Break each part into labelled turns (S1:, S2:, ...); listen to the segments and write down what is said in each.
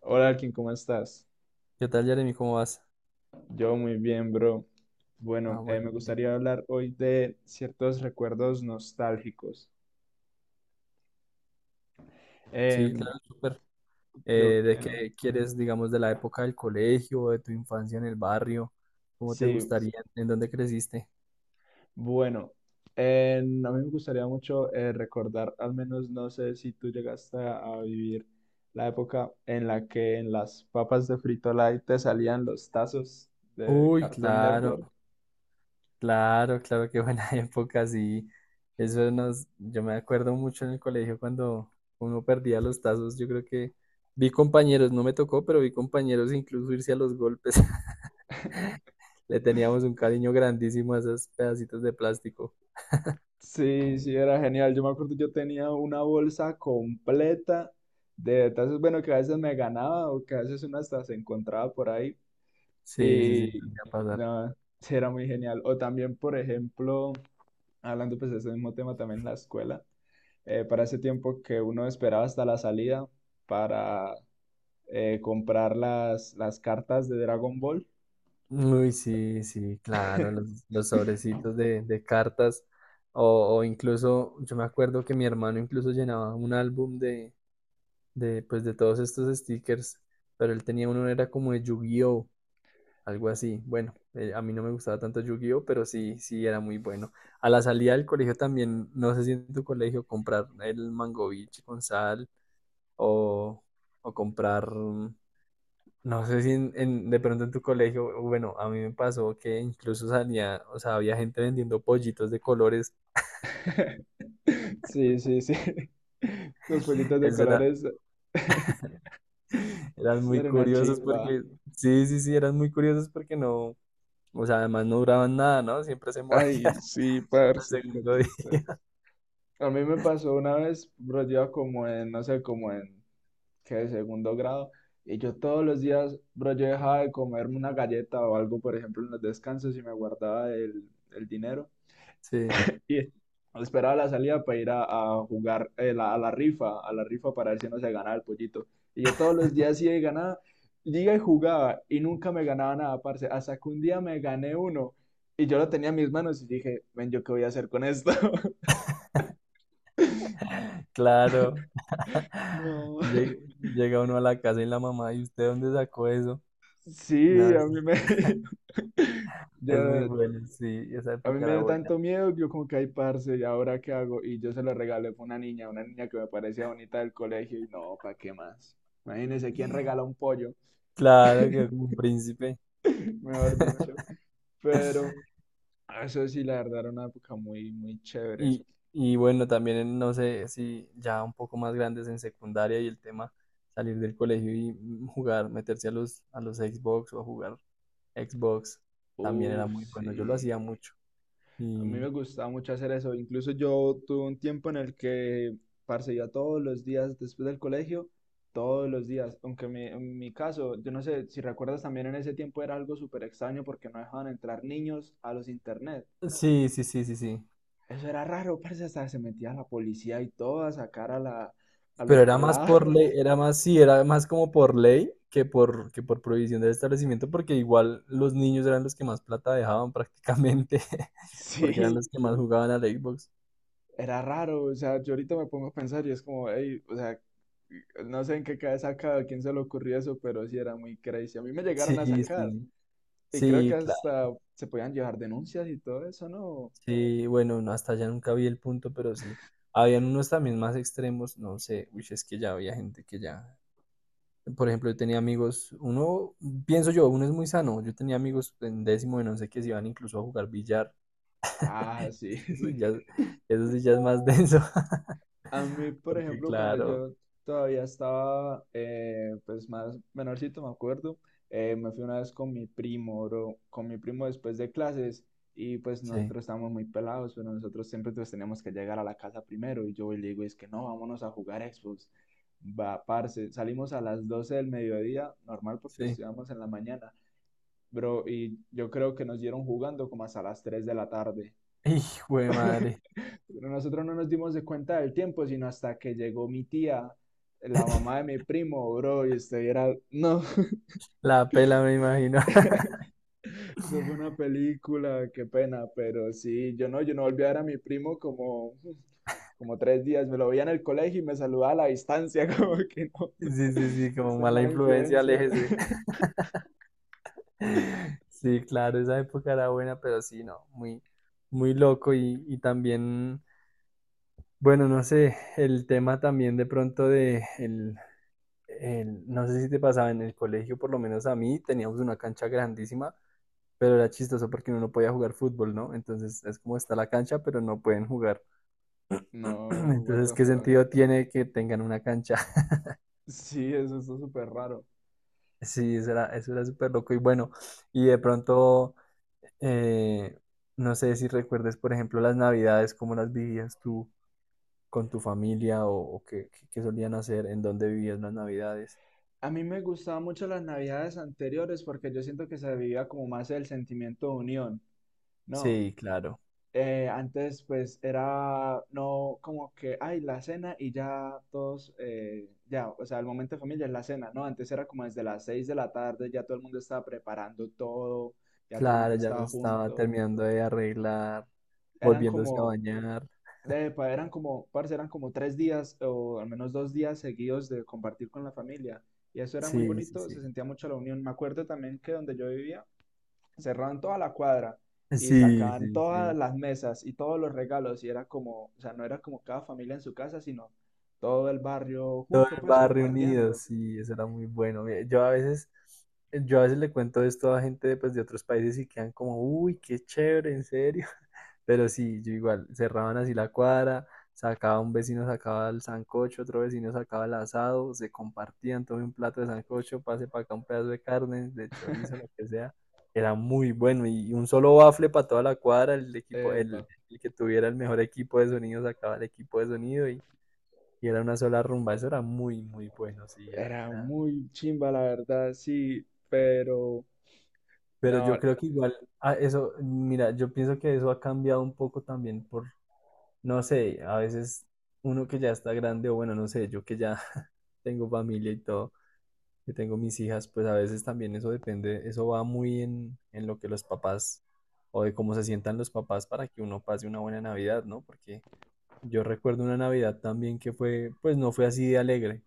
S1: Hola, Alkin, ¿cómo estás?
S2: ¿Qué tal, Jeremy? ¿Cómo vas?
S1: Yo muy bien, bro.
S2: Ah,
S1: Bueno,
S2: bueno,
S1: me
S2: bien.
S1: gustaría hablar hoy de ciertos recuerdos nostálgicos.
S2: Sí,
S1: Em,
S2: claro, súper.
S1: yo
S2: ¿De
S1: quiero.
S2: qué quieres, digamos, de la época del colegio, de tu infancia en el barrio? ¿Cómo te
S1: Sí,
S2: gustaría? ¿En dónde creciste?
S1: bueno, a mí me gustaría mucho recordar, al menos no sé si tú llegaste a vivir la época en la que en las papas de Frito Lay te salían los tazos de
S2: Uy,
S1: Cartoon
S2: claro,
S1: Network.
S2: claro, claro, qué buena época, sí. Eso nos, yo me acuerdo mucho en el colegio cuando uno perdía los tazos. Yo creo que vi compañeros, no me tocó, pero vi compañeros incluso irse a los golpes. Le teníamos un cariño grandísimo a esos pedacitos de plástico.
S1: Sí, sí, era genial. Yo me acuerdo, yo tenía una bolsa completa de tazas, bueno, que a veces me ganaba o que a veces una hasta se encontraba por ahí.
S2: Sí, sí, sí,
S1: Y
S2: me va a pasar.
S1: nada, sí, era muy genial. O también, por ejemplo, hablando pues de ese mismo tema también en la escuela, para ese tiempo que uno esperaba hasta la salida para comprar las cartas de Dragon Ball.
S2: Uy, sí, sí, claro, los sobrecitos de cartas o incluso, yo me acuerdo que mi hermano incluso llenaba un álbum de, pues, de todos estos stickers, pero él tenía uno, era como de Yu-Gi-Oh, algo así. Bueno, a mí no me gustaba tanto Yu-Gi-Oh, pero sí, sí, era muy bueno. A la salida del colegio también, no sé si en tu colegio comprar el Mangovich con sal o, o comprar no sé si de pronto en tu colegio, o bueno, a mí me pasó que incluso salía, o sea, había gente vendiendo pollitos de colores.
S1: Sí, sí, sí. Los pollitos de
S2: Eso era,
S1: colores.
S2: eran
S1: Ser
S2: muy
S1: una
S2: curiosos
S1: chimba.
S2: porque, sí, sí, sí, eran muy curiosos porque no, o sea, además no duraban nada, ¿no? Siempre se morían
S1: Ay, sí,
S2: como el
S1: parce, qué
S2: segundo día.
S1: tristeza. A mí me pasó una vez, bro, yo iba como en, no sé, como en, ¿qué? Segundo grado. Y yo todos los días, bro, yo dejaba de comerme una galleta o algo, por ejemplo, en los descansos y me guardaba el dinero.
S2: Sí,
S1: Y esperaba la salida para ir a jugar a la rifa para ver si no se ganaba el pollito. Y yo todos los días sí de ganaba, llega y jugaba y nunca me ganaba nada, parce. Hasta que un día me gané uno y yo lo tenía en mis manos y dije, ven, ¿yo qué voy a hacer con esto?
S2: claro.
S1: No.
S2: Llega, llega uno a la casa y la mamá, ¿y usted dónde sacó eso?
S1: Sí,
S2: No, es
S1: yo,
S2: es muy bueno, sí, esa
S1: a mí
S2: época
S1: me
S2: era
S1: dio
S2: buena.
S1: tanto miedo que yo como que, ay, parce, ¿y ahora qué hago? Y yo se lo regalé a una niña que me parecía bonita del colegio y no, ¿para qué más? Imagínense, ¿quién regala un pollo?
S2: Claro, que como un príncipe.
S1: Mejor dicho. Pero ah, eso sí, la verdad era una época muy, muy chévere.
S2: Y, y bueno, también en, no sé si ya un poco más grandes en secundaria y el tema salir del colegio y jugar, meterse a los Xbox o a jugar Xbox, también era
S1: Uf,
S2: muy bueno. Yo lo
S1: sí.
S2: hacía mucho.
S1: A mí me
S2: Y
S1: gustaba mucho hacer eso. Incluso yo tuve un tiempo en el que, parce, iba todos los días después del colegio, todos los días. Aunque en mi caso, yo no sé si recuerdas también en ese tiempo era algo súper extraño porque no dejaban entrar niños a los internet.
S2: sí, sí, sí, sí, sí.
S1: Eso era raro, parce, hasta se metía la policía y todo a sacar a a
S2: Pero
S1: los
S2: era más
S1: pelados.
S2: por ley, era más, sí, era más como por ley que por prohibición del establecimiento, porque igual los niños eran los que más plata dejaban prácticamente, porque eran los
S1: Sí,
S2: que más jugaban al Xbox.
S1: era raro, o sea, yo ahorita me pongo a pensar y es como, hey, o sea, no sé en qué cabeza cada a quién se le ocurrió eso, pero sí era muy crazy. A mí me llegaron
S2: Sí,
S1: a sacar
S2: sí,
S1: y creo que
S2: sí, claro.
S1: hasta se podían llevar denuncias y todo eso, ¿no?
S2: Sí, bueno, no, hasta allá nunca vi el punto, pero sí. Habían unos también más extremos, no sé, uy, es que ya había gente que ya, por ejemplo, yo tenía amigos, uno, pienso yo, uno es muy sano, yo tenía amigos en décimo de no sé qué, se iban incluso a jugar billar,
S1: Ah, sí.
S2: eso sí ya, eso sí ya es más denso,
S1: A mí, por
S2: porque
S1: ejemplo, cuando
S2: claro,
S1: yo todavía estaba, pues más menorcito, me acuerdo, me fui una vez con mi primo, bro, con mi primo después de clases y pues
S2: sí,
S1: nosotros estábamos muy pelados, pero nosotros siempre pues teníamos que llegar a la casa primero y yo voy y le digo, es que no, vámonos a jugar Xbox. Va, parce, salimos a las 12 del mediodía, normal porque
S2: sí,
S1: estudiamos en la mañana, bro, y yo creo que nos dieron jugando como hasta las 3 de la tarde.
S2: hijo de madre,
S1: Pero nosotros no nos dimos de cuenta del tiempo, sino hasta que llegó mi tía, la mamá de mi primo, bro, y usted era, no,
S2: la pela me imagino,
S1: eso fue una película, qué pena, pero sí, yo no volví a ver a mi primo como tres días, me lo veía en el colegio y me saludaba a la distancia, como que no,
S2: sí, sí, sí, como
S1: esta es
S2: mala
S1: mala
S2: influencia,
S1: influencia.
S2: aléjese. Sí, claro, esa época era buena, pero sí, no, muy, muy loco y también, bueno, no sé, el tema también de pronto de el, no sé si te pasaba en el colegio, por lo menos a mí, teníamos una cancha grandísima, pero era chistoso porque uno no podía jugar fútbol, ¿no? Entonces es como está la cancha, pero no pueden jugar.
S1: No, what
S2: Entonces,
S1: the
S2: ¿qué
S1: fuck.
S2: sentido tiene que tengan una cancha?
S1: Sí, eso está súper raro.
S2: Sí, eso era súper loco. Y bueno, y de pronto, eh, no sé si recuerdes, por ejemplo, las navidades, cómo las vivías tú con tu familia o qué, qué solían hacer, en dónde vivías las navidades.
S1: A mí me gustaban mucho las navidades anteriores porque yo siento que se vivía como más el sentimiento de unión, ¿no?
S2: Sí, claro.
S1: Antes pues era no como que, ay, la cena y ya todos, ya, o sea, el momento de familia es la cena, ¿no? Antes era como desde las 6 de la tarde, ya todo el mundo estaba preparando todo, ya todo el
S2: Claro,
S1: mundo
S2: ya no
S1: estaba
S2: estaba
S1: junto.
S2: terminando de arreglar,
S1: Eran
S2: volviéndose a
S1: como,
S2: bañar.
S1: parce, eran como tres días o al menos dos días seguidos de compartir con la familia. Y eso era muy
S2: Sí, sí,
S1: bonito,
S2: sí.
S1: se sentía mucho la unión. Me acuerdo también que donde yo vivía, cerraban toda la cuadra y
S2: Sí,
S1: sacaban
S2: sí,
S1: todas
S2: sí.
S1: las mesas y todos los regalos y era como, o sea, no era como cada familia en su casa, sino todo el barrio
S2: Todo
S1: junto,
S2: el
S1: pues
S2: barrio unido,
S1: compartiendo.
S2: sí, eso era muy bueno. Mira, yo a veces, yo a veces le cuento esto a gente pues, de otros países y quedan como, uy, qué chévere, en serio. Pero sí, yo igual, cerraban así la cuadra, sacaba un vecino, sacaba el sancocho, otro vecino sacaba el asado, se compartían, todo un plato de sancocho, pase para acá un pedazo de carne, de chorizo, lo que sea. Era muy bueno y un solo bafle para toda la cuadra, el equipo, el,
S1: Epa.
S2: el que tuviera el mejor equipo de sonido sacaba el equipo de sonido y era una sola rumba. Eso era muy, muy bueno, sí, era,
S1: Era
S2: era.
S1: muy chimba, la verdad, sí, pero
S2: Pero
S1: no,
S2: yo creo que igual, ah, eso, mira, yo pienso que eso ha cambiado un poco también por, no sé, a veces uno que ya está grande o bueno, no sé, yo que ya tengo familia y todo, que tengo mis hijas, pues a veces también eso depende, eso va muy en lo que los papás o de cómo se sientan los papás para que uno pase una buena Navidad, ¿no? Porque yo recuerdo una Navidad también que fue, pues no fue así de alegre.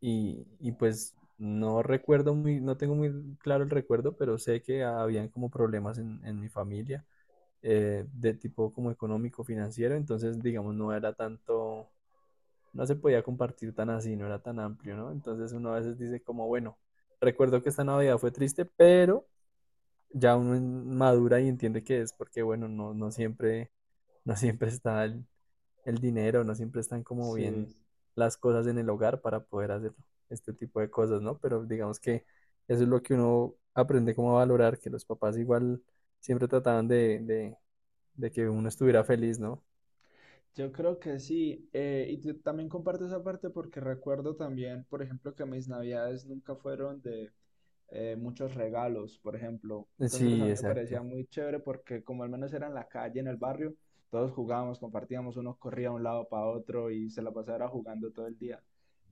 S2: Y pues no recuerdo muy, no tengo muy claro el recuerdo, pero sé que habían como problemas en mi familia de tipo como económico, financiero, entonces digamos no era tanto, no se podía compartir tan así, no era tan amplio, ¿no? Entonces uno a veces dice como, bueno, recuerdo que esta Navidad fue triste, pero ya uno madura y entiende que es porque, bueno, no, no siempre, no siempre está el dinero, no siempre están como bien
S1: sí.
S2: las cosas en el hogar para poder hacer este tipo de cosas, ¿no? Pero digamos que eso es lo que uno aprende como a valorar, que los papás igual siempre trataban de que uno estuviera feliz, ¿no?
S1: Yo creo que sí, y yo también comparto esa parte porque recuerdo también, por ejemplo, que mis navidades nunca fueron de, muchos regalos, por ejemplo. Entonces a
S2: Sí,
S1: mí me parecía
S2: exacto.
S1: muy chévere porque como al menos era en la calle, en el barrio, todos jugábamos, compartíamos, uno corría de un lado para otro y se la pasaba jugando todo el día.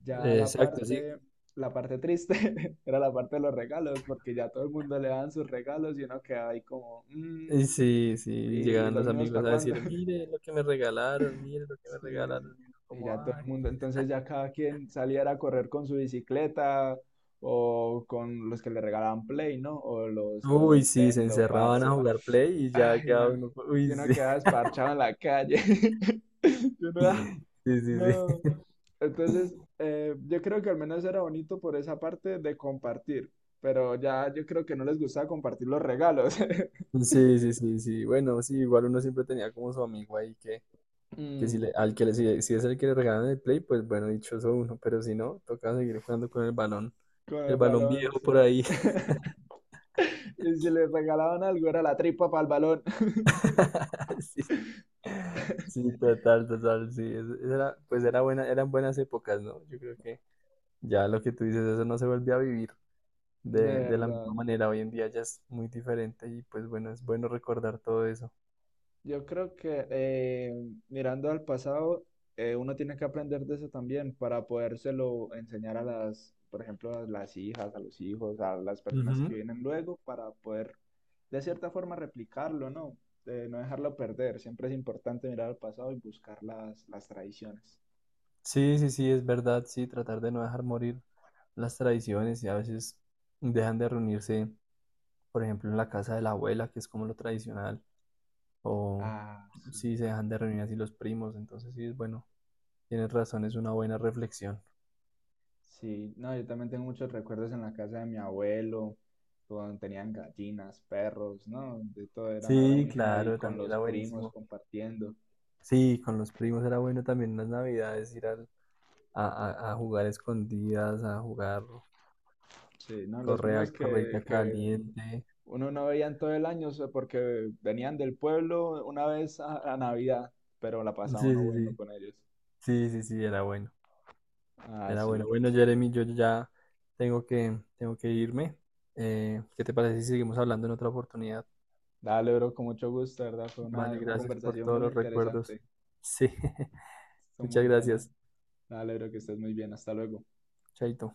S1: Ya
S2: Exacto, sí.
S1: la parte triste era la parte de los regalos, porque ya todo el mundo le daban sus regalos y uno quedaba ahí como, "Mm,
S2: Y sí,
S1: ¿y,
S2: sí,
S1: y
S2: llegaban
S1: los
S2: los
S1: míos
S2: amigos
S1: para
S2: a
S1: cuándo?
S2: decir, mire lo que me regalaron, mire lo que me regalaron,
S1: Sí,
S2: y uno
S1: y ya
S2: como,
S1: todo
S2: ay.
S1: el mundo, entonces ya cada quien saliera a correr con su bicicleta o con los que le regalaban Play, ¿no? O los
S2: Uy, sí, se
S1: Nintendo,
S2: encerraban a
S1: parce.
S2: jugar play y ya quedaba
S1: Ay,
S2: uno, uy,
S1: yo no
S2: sí,
S1: quedaba esparchado en la calle. Yo no, ah,
S2: sí, sí,
S1: no.
S2: sí.
S1: Entonces, yo creo que al menos era bonito por esa parte de compartir, pero ya yo creo que no les gustaba compartir los regalos.
S2: Sí, sí, sí, sí. Bueno, sí, igual uno siempre tenía como su amigo ahí que si
S1: Mm,
S2: le, al que le, si, si es el que le regalan el play, pues bueno, dichoso uno, pero si no, toca seguir jugando con el balón.
S1: con
S2: El
S1: el
S2: balón
S1: balón.
S2: viejo
S1: Sí.
S2: por ahí.
S1: Y si les regalaban algo, era la tripa para el balón.
S2: Sí, sí, total, total, sí. Era, pues era buena, eran buenas épocas, ¿no? Yo creo que ya lo que tú dices, eso no se vuelve a vivir
S1: De
S2: de la misma
S1: verdad.
S2: manera. Hoy en día ya es muy diferente y pues bueno, es bueno recordar todo eso.
S1: Yo creo que mirando al pasado, uno tiene que aprender de eso también para podérselo enseñar a las, por ejemplo, a las hijas, a los hijos, a las personas que
S2: Ujú.
S1: vienen luego, para poder de cierta forma replicarlo, ¿no? No dejarlo perder. Siempre es importante mirar al pasado y buscar las tradiciones.
S2: Sí, sí, sí, es verdad, sí, tratar de no dejar morir las tradiciones y a veces dejan de reunirse, por ejemplo, en la casa de la abuela, que es como lo tradicional, o
S1: Ah, sí.
S2: si se dejan de reunir así los primos, entonces sí es bueno, tienes razón, es una buena reflexión.
S1: Sí, no, yo también tengo muchos recuerdos en la casa de mi abuelo, cuando tenían gallinas, perros, ¿no? De todo era, era
S2: Sí,
S1: muy genial y
S2: claro,
S1: con
S2: también
S1: los
S2: era
S1: primos
S2: buenísimo.
S1: compartiendo.
S2: Sí, con los primos era bueno también en las navidades ir a, a jugar escondidas, a jugar
S1: Sí, no, los
S2: correa,
S1: primos
S2: correita
S1: que
S2: caliente.
S1: uno no veía en todo el año, o sea, porque venían del pueblo una vez a Navidad, pero la
S2: Sí,
S1: pasaba
S2: sí,
S1: uno bueno
S2: sí,
S1: con ellos.
S2: sí, sí, sí, era bueno.
S1: Ah,
S2: Era
S1: sí,
S2: bueno.
S1: bro.
S2: Bueno, Jeremy, yo ya tengo que irme. ¿Qué te parece si seguimos hablando en otra oportunidad?
S1: Dale, bro, con mucho gusto, de ¿verdad? Fue
S2: Vale,
S1: una
S2: gracias por
S1: conversación
S2: todos
S1: muy
S2: los recuerdos.
S1: interesante.
S2: Sí,
S1: Son muy
S2: muchas
S1: buenas.
S2: gracias.
S1: Dale, bro, que estés muy bien. Hasta luego.
S2: Chaito.